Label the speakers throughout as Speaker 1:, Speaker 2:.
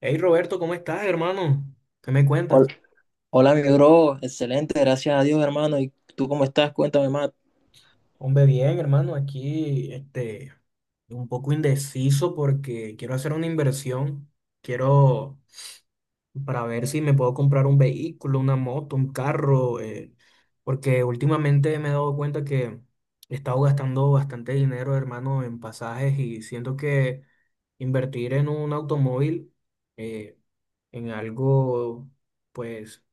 Speaker 1: Hey, Roberto, ¿cómo estás, hermano? ¿Qué me cuentas?
Speaker 2: Hol- Hola, mi bro, excelente, gracias a Dios, hermano. ¿Y tú cómo estás? Cuéntame más.
Speaker 1: Hombre, bien, hermano, aquí un poco indeciso porque quiero hacer una inversión. Quiero, para ver si me puedo comprar un vehículo, una moto, un carro, porque últimamente me he dado cuenta que he estado gastando bastante dinero, hermano, en pasajes y siento que invertir en un automóvil, eh, en algo, pues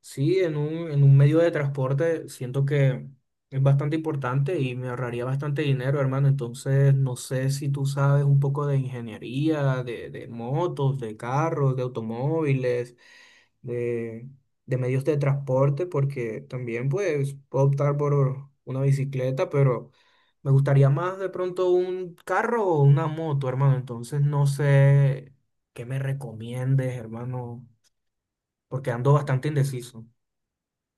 Speaker 1: sí, en un medio de transporte siento que es bastante importante y me ahorraría bastante dinero, hermano. Entonces, no sé si tú sabes un poco de ingeniería, de motos, de carros, de automóviles, de, de medios de transporte, porque también pues puedo optar por una bicicleta, pero me gustaría más de pronto un carro o una moto, hermano. Entonces, no sé qué me recomiendes, hermano, porque ando bastante indeciso.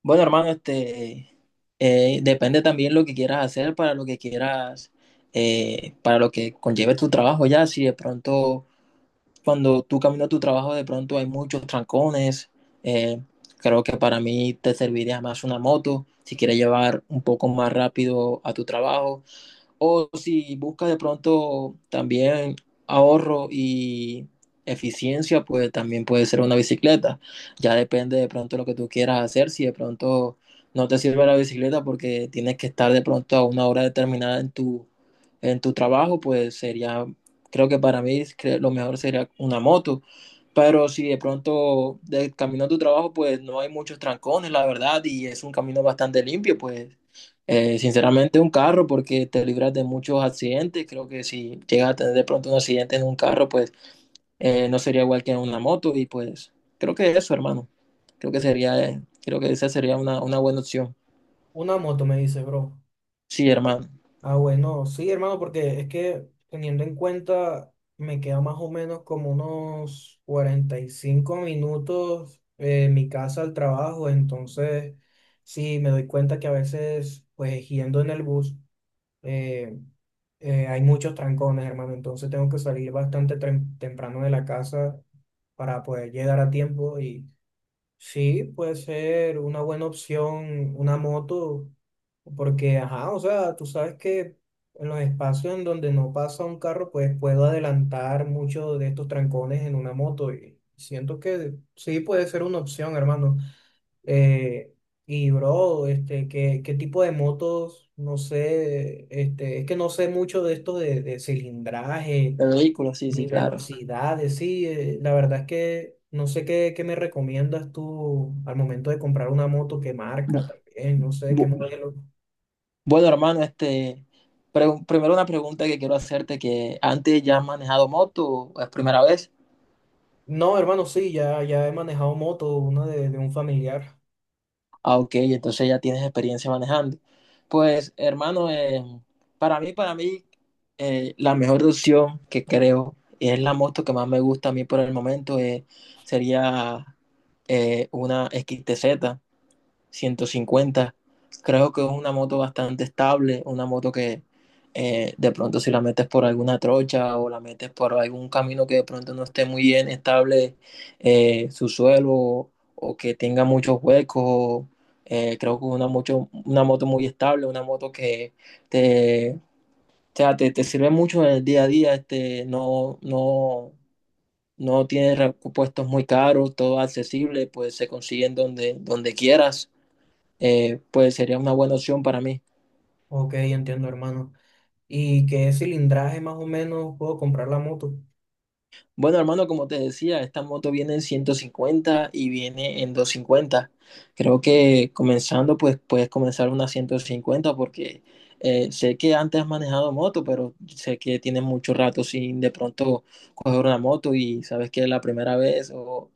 Speaker 2: Bueno, hermano, depende también lo que quieras hacer para lo que quieras, para lo que conlleve tu trabajo ya. Si de pronto, cuando tú caminas a tu trabajo, de pronto hay muchos trancones. eh, Creo que para mí te serviría más una moto si quieres llevar un poco más rápido a tu trabajo. O si buscas de pronto también ahorro y eficiencia, pues también puede ser una bicicleta. Ya depende de pronto lo que tú quieras hacer. Si de pronto no te sirve la bicicleta porque tienes que estar de pronto a una hora determinada en tu trabajo, pues sería, creo que para mí lo mejor sería una moto. Pero si de pronto de camino a tu trabajo, pues no hay muchos trancones, la verdad, y es un camino bastante limpio, pues sinceramente, un carro, porque te libras de muchos accidentes. Creo que si llegas a tener de pronto un accidente en un carro, pues no sería igual que en una moto. Y pues creo que eso, hermano. Creo que sería, creo que esa sería una buena opción.
Speaker 1: Una moto, me dice, bro.
Speaker 2: Sí, hermano.
Speaker 1: Ah, bueno, sí, hermano, porque es que teniendo en cuenta, me queda más o menos como unos 45 minutos mi casa al trabajo. Entonces sí, me doy cuenta que a veces, pues yendo en el bus, eh, hay muchos trancones, hermano, entonces tengo que salir bastante temprano de la casa para poder llegar a tiempo. Y sí, puede ser una buena opción una moto, porque, ajá, o sea, tú sabes que en los espacios en donde no pasa un carro, pues puedo adelantar muchos de estos trancones en una moto y siento que sí puede ser una opción, hermano. Eh, y, bro, ¿qué, qué tipo de motos? No sé, este, es que no sé mucho de esto de cilindraje
Speaker 2: El vehículo, sí,
Speaker 1: ni
Speaker 2: sí, claro.
Speaker 1: velocidades, sí. La verdad es que no sé qué, qué me recomiendas tú al momento de comprar una moto, qué
Speaker 2: Bu-
Speaker 1: marca también, no sé qué
Speaker 2: bu-
Speaker 1: modelo.
Speaker 2: bueno, hermano, primero una pregunta que quiero hacerte, que antes ya has manejado moto, ¿o es primera vez?
Speaker 1: No, hermano, sí, ya he manejado moto, una de un familiar.
Speaker 2: Ah, ok, entonces ya tienes experiencia manejando. Pues, hermano, para mí, la mejor opción que creo, y es la moto que más me gusta a mí por el momento, sería una XTZ 150. Creo que es una moto bastante estable, una moto que de pronto si la metes por alguna trocha o la metes por algún camino que de pronto no esté muy bien estable su suelo o que tenga muchos huecos, creo que es una moto muy estable, una moto que o sea, te sirve mucho en el día a día, no, no, no tiene repuestos muy caros, todo accesible, pues se consiguen donde quieras. Pues sería una buena opción para mí.
Speaker 1: Ok, entiendo, hermano. ¿Y qué cilindraje más o menos puedo comprar la moto?
Speaker 2: Bueno, hermano, como te decía, esta moto viene en 150 y viene en 250. Creo que comenzando, pues puedes comenzar una 150 porque sé que antes has manejado moto, pero sé que tienes mucho rato sin de pronto coger una moto y sabes que es la primera vez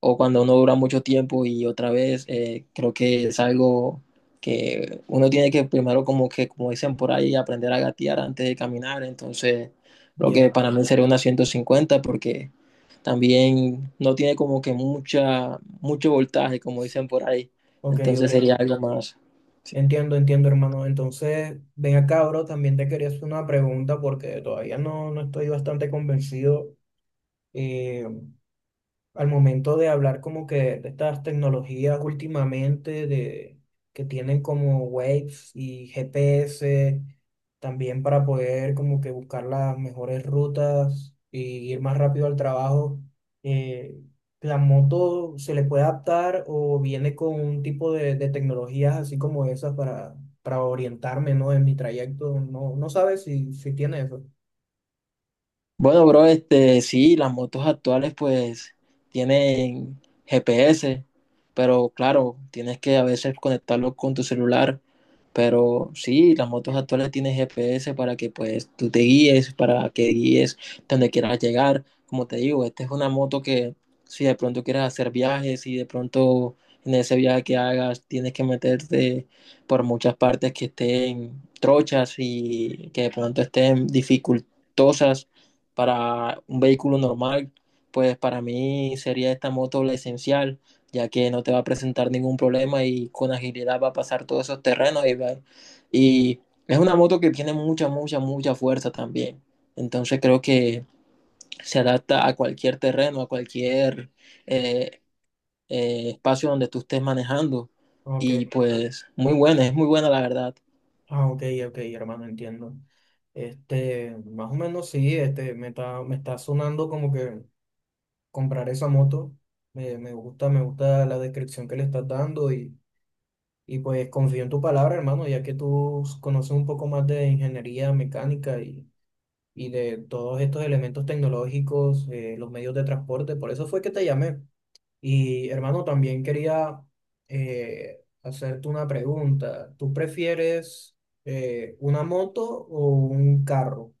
Speaker 2: o cuando uno dura mucho tiempo y otra vez, creo que es algo que uno tiene que primero como que, como dicen por ahí, aprender a gatear antes de caminar. Entonces lo que
Speaker 1: Ya,
Speaker 2: para mí sería una 150, porque también no tiene como que mucho voltaje, como dicen por ahí,
Speaker 1: ok, ok.
Speaker 2: entonces sería algo más. Sí.
Speaker 1: Entiendo, entiendo, hermano. Entonces, ven acá, bro, también te quería hacer una pregunta porque todavía no estoy bastante convencido. eh, Al momento de hablar como que de estas tecnologías últimamente de, que tienen como Waves y GPS, también para poder como que buscar las mejores rutas y ir más rápido al trabajo, eh, ¿la moto se le puede adaptar o viene con un tipo de tecnologías así como esas para orientarme, ¿no? en mi trayecto? No, no sabes si, si tiene eso.
Speaker 2: Bueno, bro, sí, las motos actuales pues tienen GPS, pero claro, tienes que a veces conectarlo con tu celular, pero sí, las motos actuales tienen GPS para que pues tú te guíes, para que guíes donde quieras llegar. Como te digo, esta es una moto que si de pronto quieres hacer viajes y de pronto en ese viaje que hagas tienes que meterte por muchas partes que estén trochas y que de pronto estén dificultosas para un vehículo normal, pues para mí sería esta moto la esencial, ya que no te va a presentar ningún problema y con agilidad va a pasar todos esos terrenos y es una moto que tiene mucha, mucha, mucha fuerza también. Entonces creo que se adapta a cualquier terreno, a cualquier eh, espacio donde tú estés manejando. Y
Speaker 1: Ok.
Speaker 2: pues muy buena, es muy buena la verdad.
Speaker 1: Ah, ok, ok, hermano, entiendo. Este, más o menos sí, me está sonando como que comprar esa moto. Me, me gusta la descripción que le estás dando y pues confío en tu palabra, hermano, ya que tú conoces un poco más de ingeniería mecánica y de todos estos elementos tecnológicos, los medios de transporte. Por eso fue que te llamé. Y hermano, también quería hacerte una pregunta. ¿Tú prefieres, una moto o un carro?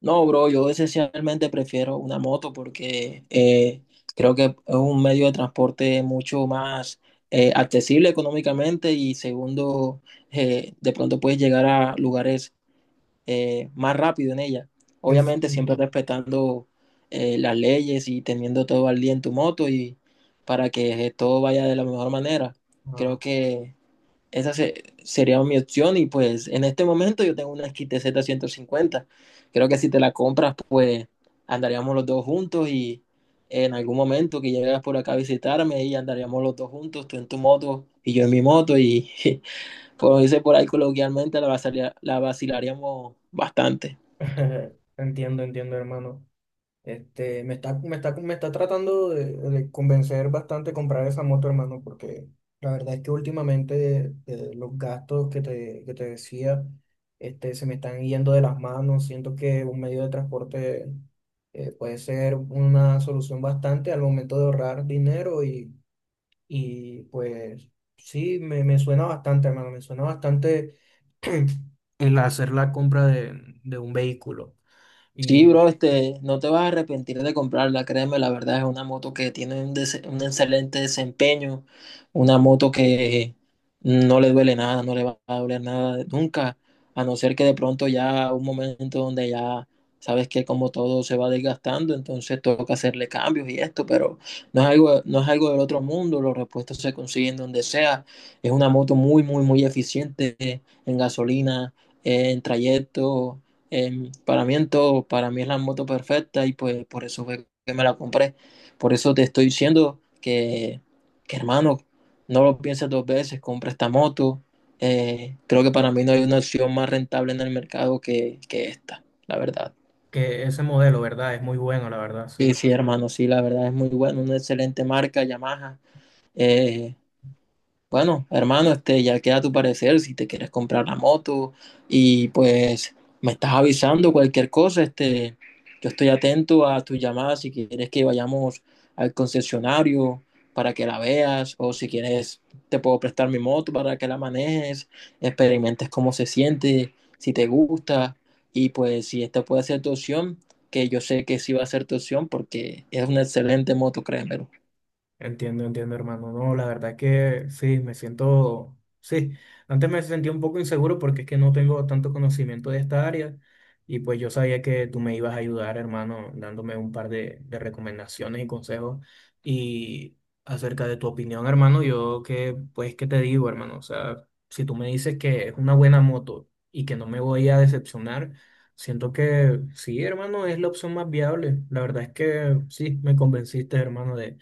Speaker 2: No, bro, yo esencialmente prefiero una moto porque creo que es un medio de transporte mucho más accesible económicamente. Y segundo, de pronto puedes llegar a lugares más rápido en ella.
Speaker 1: En-
Speaker 2: Obviamente siempre
Speaker 1: entiendo.
Speaker 2: respetando las leyes y teniendo todo al día en tu moto y para que todo vaya de la mejor manera.
Speaker 1: Ah,
Speaker 2: Creo que esa sería mi opción y pues en este momento yo tengo una XTZ 50. Creo que si te la compras pues andaríamos los dos juntos y en algún momento que llegas por acá a visitarme y andaríamos los dos juntos, tú en tu moto y yo en mi moto y como dice por ahí coloquialmente la vacilaríamos bastante.
Speaker 1: entiendo, entiendo, hermano. Este, me está, me está, me está tratando de convencer bastante comprar esa moto, hermano, porque la verdad es que últimamente los gastos que te decía, se me están yendo de las manos. Siento que un medio de transporte puede ser una solución bastante al momento de ahorrar dinero y pues sí, me suena bastante, hermano, me suena bastante el hacer la compra de un vehículo.
Speaker 2: Sí, bro, no te vas a arrepentir de comprarla, créeme. La verdad es una moto que tiene un excelente desempeño, una moto que no le duele nada, no le va a doler nada nunca, a no ser que de pronto ya un momento donde ya sabes que como todo se va desgastando, entonces toca hacerle cambios y esto, pero no es algo del otro mundo. Los repuestos se consiguen donde sea, es una moto muy, muy, muy eficiente en gasolina, en trayecto. Para mí en todo, para mí es la moto perfecta, y pues por eso fue que me la compré. Por eso te estoy diciendo que, hermano, no lo pienses dos veces, compra esta moto. Creo que para mí no hay una opción más rentable en el mercado que esta, la verdad.
Speaker 1: Que ese modelo, ¿verdad? Es muy bueno, la verdad,
Speaker 2: Sí,
Speaker 1: sí.
Speaker 2: sí, hermano, sí, la verdad es muy bueno, una excelente marca, Yamaha. Eh, Bueno, hermano, ya queda tu parecer si te quieres comprar la moto, y pues me estás avisando cualquier cosa. Yo estoy atento a tus llamadas si quieres que vayamos al concesionario para que la veas, o si quieres te puedo prestar mi moto para que la manejes, experimentes cómo se siente, si te gusta, y pues si esta puede ser tu opción, que yo sé que sí va a ser tu opción porque es una excelente moto, créemelo.
Speaker 1: Entiendo, entiendo, hermano. No, la verdad que sí, me siento, sí, antes me sentía un poco inseguro porque es que no tengo tanto conocimiento de esta área y pues yo sabía que tú me ibas a ayudar, hermano, dándome un par de recomendaciones y consejos y acerca de tu opinión, hermano, yo que, pues, ¿qué te digo, hermano? O sea, si tú me dices que es una buena moto y que no me voy a decepcionar, siento que sí, hermano, es la opción más viable. La verdad es que sí, me convenciste, hermano, de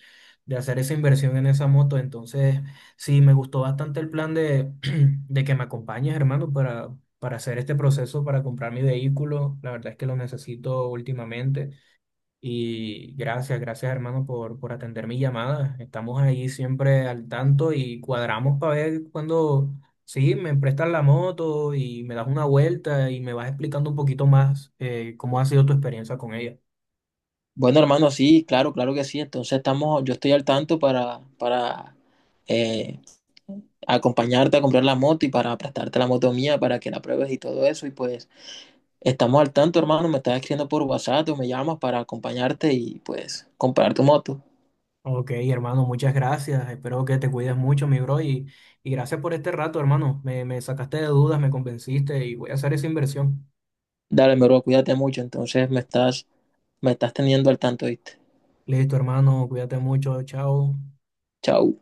Speaker 1: de hacer esa inversión en esa moto. Entonces, sí, me gustó bastante el plan de, de que me acompañes, hermano, para hacer este proceso, para comprar mi vehículo. La verdad es que lo necesito últimamente. Y gracias, hermano, por atender mi llamada. Estamos ahí siempre al tanto y cuadramos para ver cuando sí, me prestas la moto y me das una vuelta y me vas explicando un poquito más cómo ha sido tu experiencia con ella.
Speaker 2: Bueno, hermano, sí, claro, claro que sí. Entonces estamos, yo estoy al tanto para eh, acompañarte a comprar la moto y para prestarte la moto mía para que la pruebes y todo eso. Y pues estamos al tanto, hermano. Me estás escribiendo por WhatsApp o me llamas para acompañarte y pues comprar tu moto.
Speaker 1: Ok, hermano, muchas gracias. Espero que te cuides mucho, mi bro, y gracias por este rato, hermano. Me sacaste de dudas, me convenciste y voy a hacer esa inversión.
Speaker 2: Dale, mi bro, cuídate mucho. Entonces me estás teniendo al tanto, ¿viste?
Speaker 1: Listo, hermano, cuídate mucho, chao.
Speaker 2: Chao.